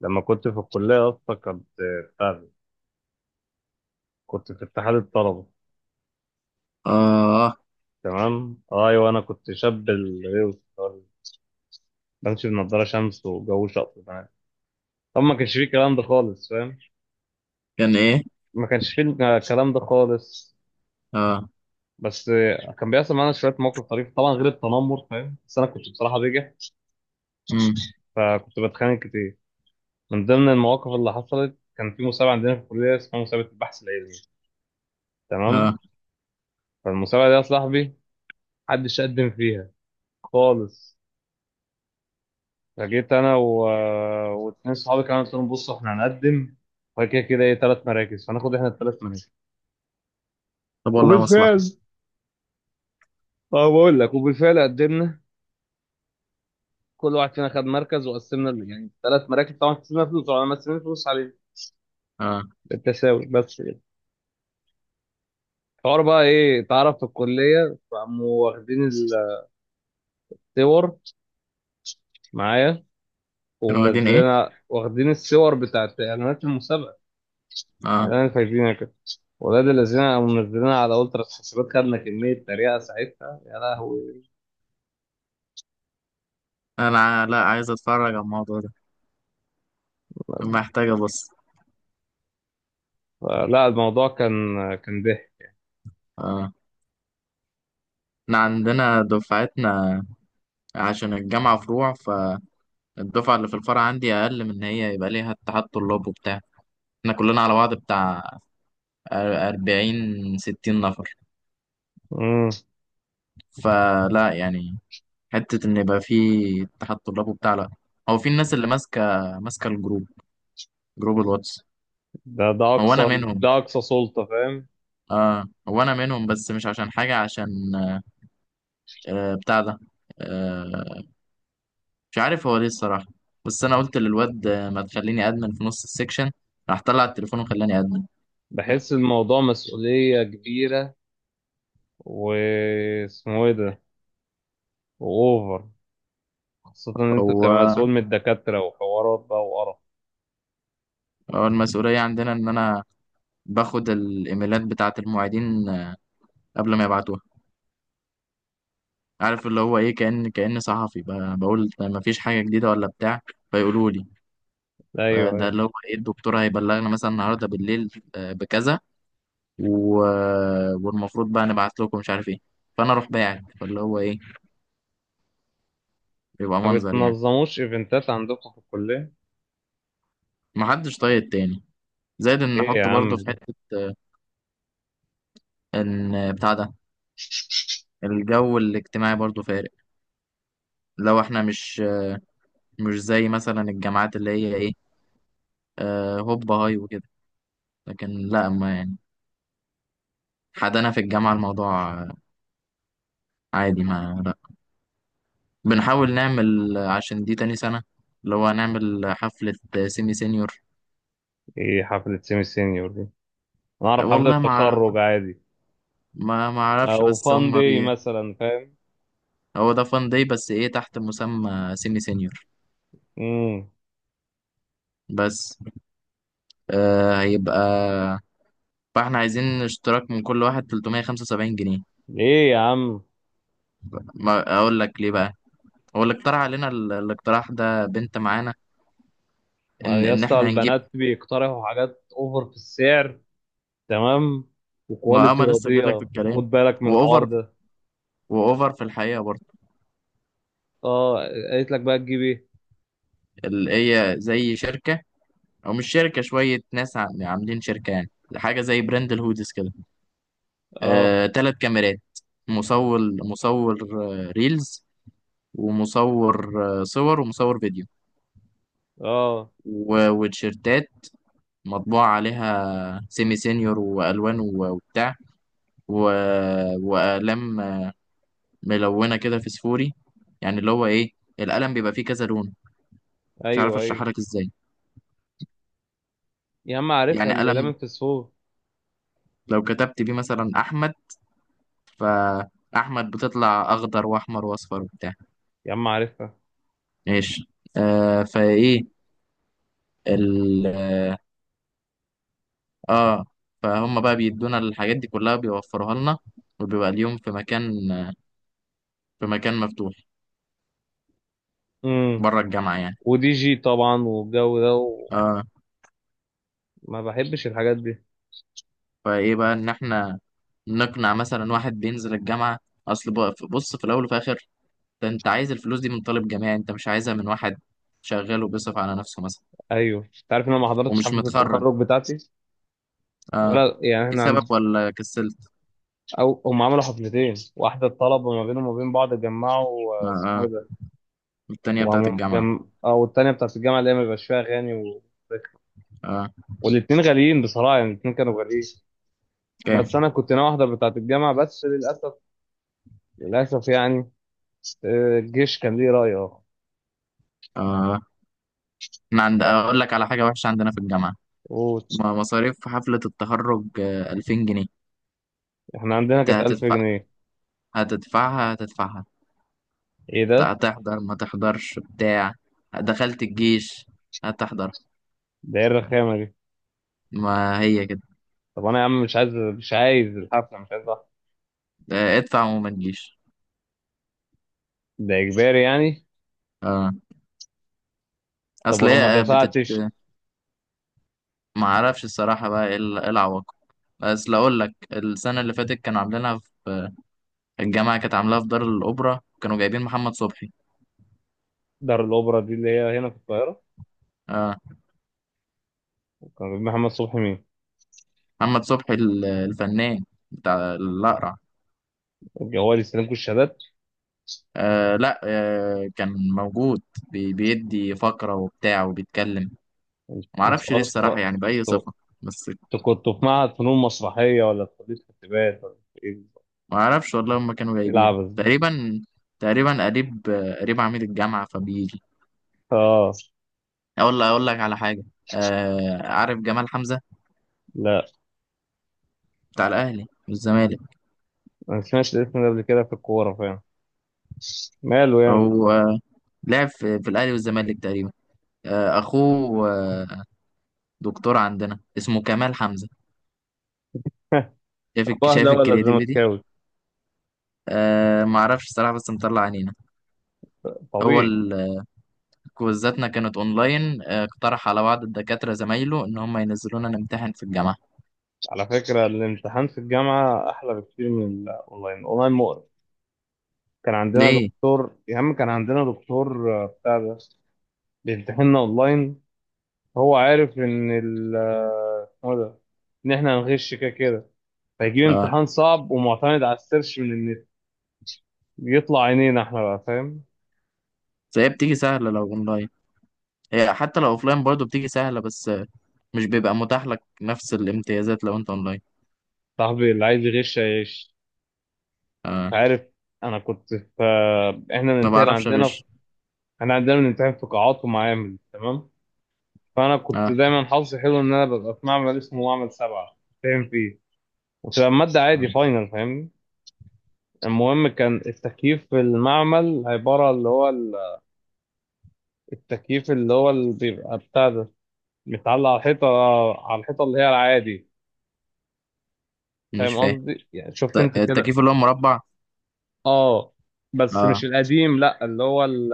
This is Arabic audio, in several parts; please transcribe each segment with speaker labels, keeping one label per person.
Speaker 1: لما كنت في الكلية أصلا كنت بتاع ده، كنت في اتحاد الطلبة
Speaker 2: اه.
Speaker 1: تمام أيوة أنا كنت شاب الغيوص بمشي بنضارة شمس وجو شقط معايا. طب ما كانش فيه الكلام ده خالص فاهم؟
Speaker 2: كان ايه؟
Speaker 1: ما كانش فيه الكلام ده خالص
Speaker 2: اه.
Speaker 1: بس. كان بيحصل معانا شوية مواقف طريفة طبعا غير التنمر فاهم، بس أنا كنت بصراحة بجح
Speaker 2: امم.
Speaker 1: فكنت بتخانق كتير. من ضمن المواقف اللي حصلت كان في مسابقة عندنا في الكلية اسمها مسابقة البحث العلمي، تمام؟
Speaker 2: اه.
Speaker 1: فالمسابقة دي يا صاحبي محدش قدم فيها خالص. فجيت انا واتنين صحابي كمان قلت لهم بصوا احنا هنقدم وبعد كده كده ايه ثلاث مراكز فناخد احنا الثلاث مراكز.
Speaker 2: طب، والله مصلحة.
Speaker 1: وبالفعل، اه بقول لك، وبالفعل قدمنا كل واحد فينا خد مركز وقسمنا يعني ثلاث مراكز طبعا قسمنا فلوس، طبعا مقسمين فلوس عليه
Speaker 2: اه.
Speaker 1: بالتساوي بس كده. الحوار بقى ايه اتعرف في الكليه فقاموا واخدين الصور معايا
Speaker 2: كانوا واخدين ايه؟
Speaker 1: ومنزلينها، واخدين الصور بتاعت اعلانات المسابقه
Speaker 2: اه.
Speaker 1: اعلان فايزينها كده. ولاد الذين قاموا منزلينها على الترا حسابات، خدنا كميه تريقه ساعتها يا لهوي.
Speaker 2: لا عايز اتفرج على الموضوع ده. محتاج ابص.
Speaker 1: لا الموضوع كان كان ضحك.
Speaker 2: اه. احنا عندنا دفعتنا، عشان الجامعة فروع، فالدفعة اللي في الفرع عندي اقل من ان هي يبقى ليها اتحاد طلاب وبتاع. احنا كلنا على بعض بتاع 40-60 نفر.
Speaker 1: مم.
Speaker 2: فلا يعني، حتة ان يبقى في اتحاد طلاب وبتاع لا. هو في الناس اللي ماسكة الجروب، جروب الواتس.
Speaker 1: ده
Speaker 2: هو انا منهم.
Speaker 1: اقصى سلطة فاهم.
Speaker 2: اه، وانا منهم بس مش عشان حاجه، عشان بتاع ده. آه. مش عارف هو ليه الصراحه. بس انا قلت للواد ما تخليني ادمن في نص السكشن، راح طلع التليفون وخلاني ادمن.
Speaker 1: بحس الموضوع مسؤولية كبيرة واسمه ايه ده، واوفر، خاصة ان انت بتبقى
Speaker 2: هو
Speaker 1: مسؤول من الدكاترة وحوارات بقى وقرف.
Speaker 2: هو المسؤوليه عندنا ان انا باخد الايميلات بتاعه المعيدين قبل ما يبعتوها. عارف اللي هو ايه، كأن صحفي، بقول طيب ما فيش حاجه جديده ولا بتاع. فيقولوا لي
Speaker 1: ايوه،
Speaker 2: ده
Speaker 1: ايوه.
Speaker 2: اللي هو ايه الدكتور هيبلغنا مثلا النهارده بالليل، بكذا. و... والمفروض بقى نبعت لكم مش عارف ايه. فانا اروح باعت فاللي هو ايه، يبقى
Speaker 1: ما
Speaker 2: منظر يعني.
Speaker 1: بتنظموش ايفنتات عندكم في الكلية؟
Speaker 2: محدش طايق التاني، زائد ان
Speaker 1: ايه يا
Speaker 2: نحط
Speaker 1: عم
Speaker 2: برضه في
Speaker 1: ده؟
Speaker 2: حتة ان بتاع ده. الجو الاجتماعي برضه فارق، لو احنا مش زي مثلا الجامعات اللي هي ايه، هوب هاي وكده. لكن لا، ما يعني حدنا في الجامعة الموضوع عادي، ما لا بنحاول نعمل عشان دي تاني سنة اللي هو نعمل حفلة سيمي سينيور.
Speaker 1: ايه حفلة سيمي سينيور دي؟ انا اعرف حفلة
Speaker 2: والله ما أعرف-
Speaker 1: تخرج عادي
Speaker 2: ما ما اعرفش،
Speaker 1: او
Speaker 2: بس هم
Speaker 1: فان دي مثلا، فاهم؟
Speaker 2: هو ده فان داي، بس ايه، تحت مسمى سيمي سينيور.
Speaker 1: امم.
Speaker 2: بس هيبقى، فاحنا عايزين اشتراك من كل واحد 375 جنيه.
Speaker 1: ايه يا عم؟
Speaker 2: ما اقول لك ليه بقى. هو اللي اقترح علينا الاقتراح ده بنت معانا،
Speaker 1: بقى
Speaker 2: ان
Speaker 1: يا
Speaker 2: ان
Speaker 1: اسطى
Speaker 2: احنا هنجيب.
Speaker 1: البنات بيقترحوا حاجات اوفر في السعر؟ تمام.
Speaker 2: ما
Speaker 1: وكواليتي
Speaker 2: اما لسه جاي لك في
Speaker 1: راضيه،
Speaker 2: الكلام،
Speaker 1: خد بالك من الحوار
Speaker 2: واوفر،
Speaker 1: ده.
Speaker 2: واوفر في الحقيقه برضه.
Speaker 1: اه. قالت لك بقى تجيب ايه؟
Speaker 2: اللي هي زي شركه، او مش شركه، شويه ناس عاملين شركه يعني، حاجه زي براند الهودز كده.
Speaker 1: اه.
Speaker 2: 3 كاميرات، مصور ريلز، ومصور صور، ومصور فيديو،
Speaker 1: اه.
Speaker 2: وتيشيرتات مطبوع عليها سيمي سينيور والوان وبتاع، واقلام ملونه كده فسفوري. يعني اللي هو ايه، القلم بيبقى فيه كذا لون. مش عارف
Speaker 1: ايوه، ايوه.
Speaker 2: اشرحها لك ازاي.
Speaker 1: يا عم عارفها
Speaker 2: يعني
Speaker 1: اللي لمن
Speaker 2: قلم
Speaker 1: في السوق.
Speaker 2: لو كتبت بيه مثلا احمد، فاحمد بتطلع اخضر واحمر واصفر وبتاع.
Speaker 1: يا عم عارفها.
Speaker 2: ماشي. فايه ال اه آه، فهم بقى بيدونا الحاجات دي كلها، بيوفروها لنا. وبيبقى اليوم في مكان مفتوح
Speaker 1: امم.
Speaker 2: بره الجامعة يعني.
Speaker 1: ودي جي طبعا والجو ده،
Speaker 2: اه.
Speaker 1: وما بحبش الحاجات دي.
Speaker 2: فايه بقى ان احنا نقنع مثلا واحد بينزل الجامعة. بص، في الاول وفي الاخر ده انت عايز الفلوس دي من طالب جامعي، انت مش عايزها من واحد شغال وبيصرف على نفسه مثلا.
Speaker 1: ايوه انت عارف ان انا ما حضرتش
Speaker 2: ومش
Speaker 1: حفله
Speaker 2: متخرج.
Speaker 1: التخرج بتاعتي؟
Speaker 2: اه.
Speaker 1: ولا يعني
Speaker 2: في
Speaker 1: احنا عند،
Speaker 2: سبب ولا كسلت؟
Speaker 1: او هم عملوا حفلتين: واحده الطلبه ما بينهم وما بين بعض جمعوا
Speaker 2: اه،
Speaker 1: اسمه
Speaker 2: آه.
Speaker 1: ايه ده
Speaker 2: التانية بتاعت
Speaker 1: وقاموا
Speaker 2: الجامعة.
Speaker 1: او التانيه بتاعت الجامعه اللي هي ما بيبقاش فيها اغاني
Speaker 2: اه.
Speaker 1: والاتنين غاليين بصراحة، يعني الاتنين كانوا غاليين. بس
Speaker 2: كام؟
Speaker 1: أنا كنت ناوي أحضر بتاعة الجامعة بس للأسف، للأسف يعني، الجيش كان ليه رأي أه.
Speaker 2: اه. احنا عند اقول لك على حاجة وحشة عندنا في الجامعة.
Speaker 1: قول.
Speaker 2: مصاريف حفلة التخرج 2000 جنيه.
Speaker 1: إحنا عندنا
Speaker 2: انت
Speaker 1: كانت 1000
Speaker 2: هتدفع،
Speaker 1: جنيه
Speaker 2: هتدفعها هتدفعها.
Speaker 1: إيه ده؟
Speaker 2: هتحضر ما تحضرش بتاع، دخلت الجيش هتحضر.
Speaker 1: ده إيه الرخامة دي؟
Speaker 2: ما هي كده.
Speaker 1: طب أنا يا عم مش عايز، مش عايز الحفلة، مش عايز أحضر.
Speaker 2: ادفع وما تجيش.
Speaker 1: ده إجباري يعني؟
Speaker 2: اه.
Speaker 1: طب
Speaker 2: اصل
Speaker 1: أنا
Speaker 2: هي
Speaker 1: ما دفعتش.
Speaker 2: ما اعرفش الصراحه بقى ايه إيه العواقب. بس لا، اقول لك السنه اللي فاتت كانوا عاملينها في الجامعه، كانت عاملاها في دار الاوبرا كانوا جايبين محمد صبحي.
Speaker 1: دار الأوبرا دي اللي هي هنا في القاهرة؟
Speaker 2: اه.
Speaker 1: كان بيجيب محمد صبحي مين؟
Speaker 2: محمد صبحي الفنان بتاع الاقرع.
Speaker 1: الجوال يستلمكوا الشهادات؟
Speaker 2: لا، كان موجود، بيدي فقره وبتاع وبيتكلم. ما
Speaker 1: أنت
Speaker 2: اعرفش ليه الصراحه،
Speaker 1: أصلا
Speaker 2: يعني باي
Speaker 1: أنتوا،
Speaker 2: صفه. بس.
Speaker 1: أنتوا كنتوا في معهد فنون مسرحية ولا في كلية حسابات ولا في إيه؟
Speaker 2: ما اعرفش والله، هم كانوا
Speaker 1: إيه
Speaker 2: جايبين
Speaker 1: العبث ده؟
Speaker 2: تقريبا، تقريبا قريب قريب عميد الجامعه فبيجي.
Speaker 1: آه.
Speaker 2: اقول لك على حاجه. عارف جمال حمزه؟
Speaker 1: لا
Speaker 2: بتاع الاهلي والزمالك.
Speaker 1: ما سمعتش الاسم ده قبل كده في الكورة فاهم. ماله يعني.
Speaker 2: هو لعب في الاهلي والزمالك تقريبا. اخوه. دكتور عندنا اسمه كمال حمزه.
Speaker 1: اخوه
Speaker 2: شايف
Speaker 1: اهلاوي ولا
Speaker 2: الكرياتيفيتي.
Speaker 1: زملكاوي؟
Speaker 2: ما اعرفش الصراحه، بس مطلع عينينا. هو
Speaker 1: طبيعي.
Speaker 2: ال- كويزاتنا كانت اونلاين، اقترح على بعض الدكاتره زمايله ان هم ينزلونا نمتحن في الجامعه.
Speaker 1: على فكرة الامتحان في الجامعة احلى بكتير من الاونلاين، الاونلاين مقرف. كان عندنا
Speaker 2: ليه؟
Speaker 1: دكتور يا عم، كان عندنا دكتور بتاع ده بيمتحننا اونلاين. هو عارف ان ال آه، اسمه ده، ان احنا هنغش كده كده، فيجيب
Speaker 2: اه.
Speaker 1: امتحان صعب ومعتمد على السيرش من النت. بيطلع عينينا احنا بقى فاهم.
Speaker 2: بس هي بتيجي سهله لو اونلاين. هي حتى لو اوفلاين برضه بتيجي سهلة، بس مش بيبقى متاح لك نفس الامتيازات لو انت اونلاين.
Speaker 1: صاحبي اللي عايز يغش هيغش.
Speaker 2: آه.
Speaker 1: عارف. انا كنت في، احنا
Speaker 2: ما
Speaker 1: بنمتحن
Speaker 2: بعرفش
Speaker 1: عندنا في...
Speaker 2: اغش.
Speaker 1: احنا عندنا بنمتحن في قاعات ومعامل، تمام؟ فانا كنت
Speaker 2: آه.
Speaker 1: دايما حظي حلو ان انا ببقى في معمل اسمه معمل سبعة فاهم فيه، وتبقى المادة
Speaker 2: آه.
Speaker 1: عادي فاينل فاهمني. المهم كان التكييف في المعمل عبارة اللي هو التكييف اللي هو اللي بيبقى بتاع ده متعلق على الحيطة، على الحيطة اللي هي العادي.
Speaker 2: مش
Speaker 1: فاهم
Speaker 2: فاهم.
Speaker 1: قصدي يعني؟ شفت انت كده؟
Speaker 2: التكييف اللي هو مربع.
Speaker 1: اه. بس
Speaker 2: اه.
Speaker 1: مش القديم، لا اللي هو ال...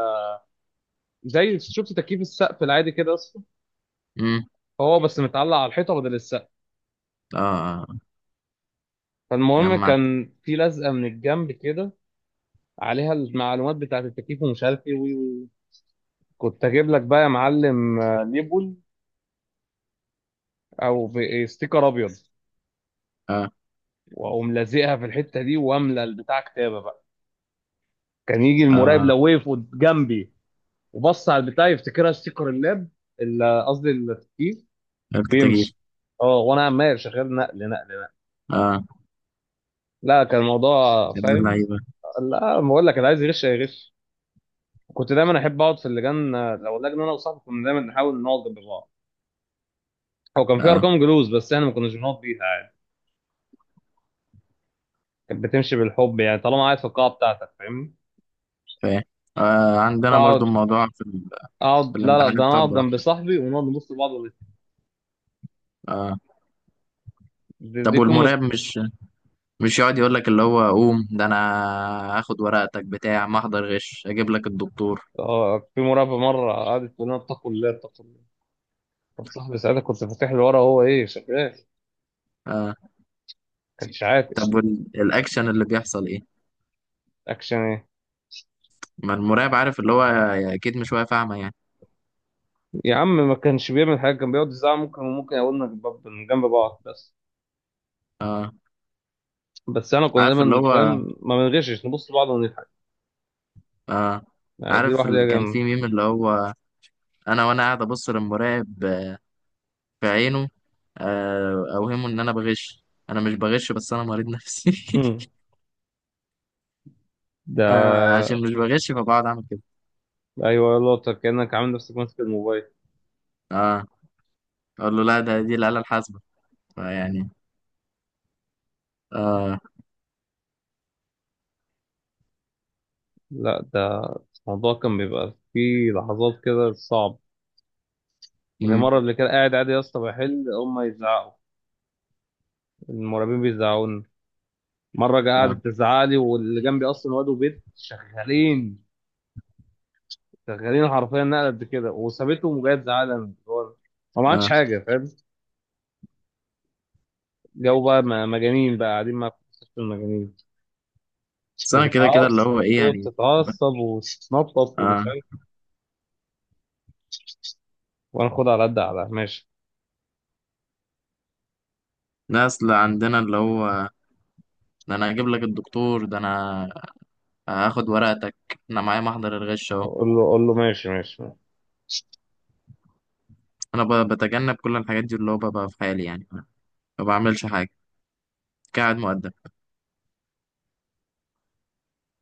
Speaker 1: زي شفت تكييف السقف العادي كده،
Speaker 2: امم.
Speaker 1: هو بس متعلق على الحيطه بدل السقف.
Speaker 2: اه، آه.
Speaker 1: فالمهم
Speaker 2: جمعت.
Speaker 1: كان في لزقه من الجنب كده عليها المعلومات بتاعه التكييف ومش عارف ايه وي وي. كنت اجيب لك بقى يا معلم ليبل او ب- إيه، ستيكر ابيض،
Speaker 2: اه.
Speaker 1: واقوم لازقها في الحته دي واملى البتاع كتابه بقى. كان يجي المراقب
Speaker 2: اه،
Speaker 1: لو وقف جنبي وبص على البتاع يفتكرها ستيكر اللاب، قصدي التكييف،
Speaker 2: التكييف.
Speaker 1: ويمشي. اه وانا عمال شغال نقل نقل نقل.
Speaker 2: اه.
Speaker 1: لا كان الموضوع
Speaker 2: يا ابن
Speaker 1: فاهم.
Speaker 2: اللعيبة.
Speaker 1: لا بقول لك اللي عايز يغش هيغش. كنت دايما احب اقعد في اللجان، لو اللجنه انا وصاحبي كنا دايما نحاول نقعد جنب بعض. هو كان في
Speaker 2: اه،
Speaker 1: ارقام جلوس بس احنا ما كناش بنقعد بيها عادي، كانت بتمشي بالحب يعني، طالما قاعد في القاعه بتاعتك فاهمني.
Speaker 2: فاهم. آه. عندنا برضه
Speaker 1: فاقعد،
Speaker 2: الموضوع في
Speaker 1: اقعد، لا لا
Speaker 2: الامتحانات،
Speaker 1: ده انا
Speaker 2: طب
Speaker 1: اقعد جنب
Speaker 2: براحتك.
Speaker 1: صاحبي ونقعد نبص لبعض
Speaker 2: اه.
Speaker 1: دي
Speaker 2: طب
Speaker 1: قمه.
Speaker 2: والمراقب مش يقعد يقول لك اللي هو قوم، ده انا هاخد ورقتك بتاع، ما احضر غش اجيب لك الدكتور.
Speaker 1: اه في مراقبه مره قعدت تقول لنا اتقوا الله، اتقوا الله. كان صاحبي ساعتها كنت فاتح له ورا، هو ايه شغال؟
Speaker 2: آه،
Speaker 1: كانش
Speaker 2: طب
Speaker 1: عاطش.
Speaker 2: والاكشن اللي بيحصل ايه؟
Speaker 1: اكشن ايه؟
Speaker 2: ما المراقب عارف اللي هو، اكيد مش واقف اعمى يعني.
Speaker 1: يا عم ما كانش بيعمل حاجه، كان بيقعد يزعق. ممكن وممكن يقولنا جنب جنب بعض بس. بس انا كنا
Speaker 2: عارف اللي
Speaker 1: دايما
Speaker 2: هو.
Speaker 1: فاهم ما بنغشش، نبص لبعض،
Speaker 2: آه.
Speaker 1: دي
Speaker 2: عارف
Speaker 1: لوحدها
Speaker 2: كان
Speaker 1: جامدة.
Speaker 2: في ميم اللي هو انا، وانا قاعد ابص للمراقب في عينه، اوهمه ان انا بغش. انا مش بغش، بس انا مريض نفسي
Speaker 1: مم. ده
Speaker 2: عشان مش بغش فبقعد اعمل كده.
Speaker 1: أيوة يلا، طب كأنك عامل نفسك ماسك الموبايل.
Speaker 2: اه. اقول له لا، ده دي الاله الحاسبه، فيعني. اه.
Speaker 1: لا ده الموضوع كان بيبقى فيه لحظات كده صعب. زي
Speaker 2: مم.
Speaker 1: مرة اللي كان قاعد عادي يا اسطى بحل هما يزعقوا، المراقبين بيزعقوني. مرة
Speaker 2: اه.
Speaker 1: قعدت تزعق لي واللي جنبي أصلا واد وبنت شغالين، شغالين حرفيا نقلة قد كده، وسابتهم وجاية تزعق لي أنا. هو ما عملتش
Speaker 2: اه.
Speaker 1: حاجة فاهم. جو بقى مجانين بقى، قاعدين مع في مستشفى المجانين.
Speaker 2: بس انا كده كده اللي
Speaker 1: وتتعصب،
Speaker 2: هو ايه
Speaker 1: تقعد
Speaker 2: يعني. ب-
Speaker 1: تتعصب وتتنطط
Speaker 2: اه.
Speaker 1: ومش عارف، وانا خد على قد على ماشي.
Speaker 2: ناس اللي عندنا اللي هو ده انا هجيب لك الدكتور، ده انا هاخد ورقتك، انا معايا محضر الغش اهو.
Speaker 1: قول له قول له ماشي ماشي.
Speaker 2: انا بتجنب كل الحاجات دي، اللي هو ببقى في حالي يعني ما بعملش حاجه، قاعد مؤدب.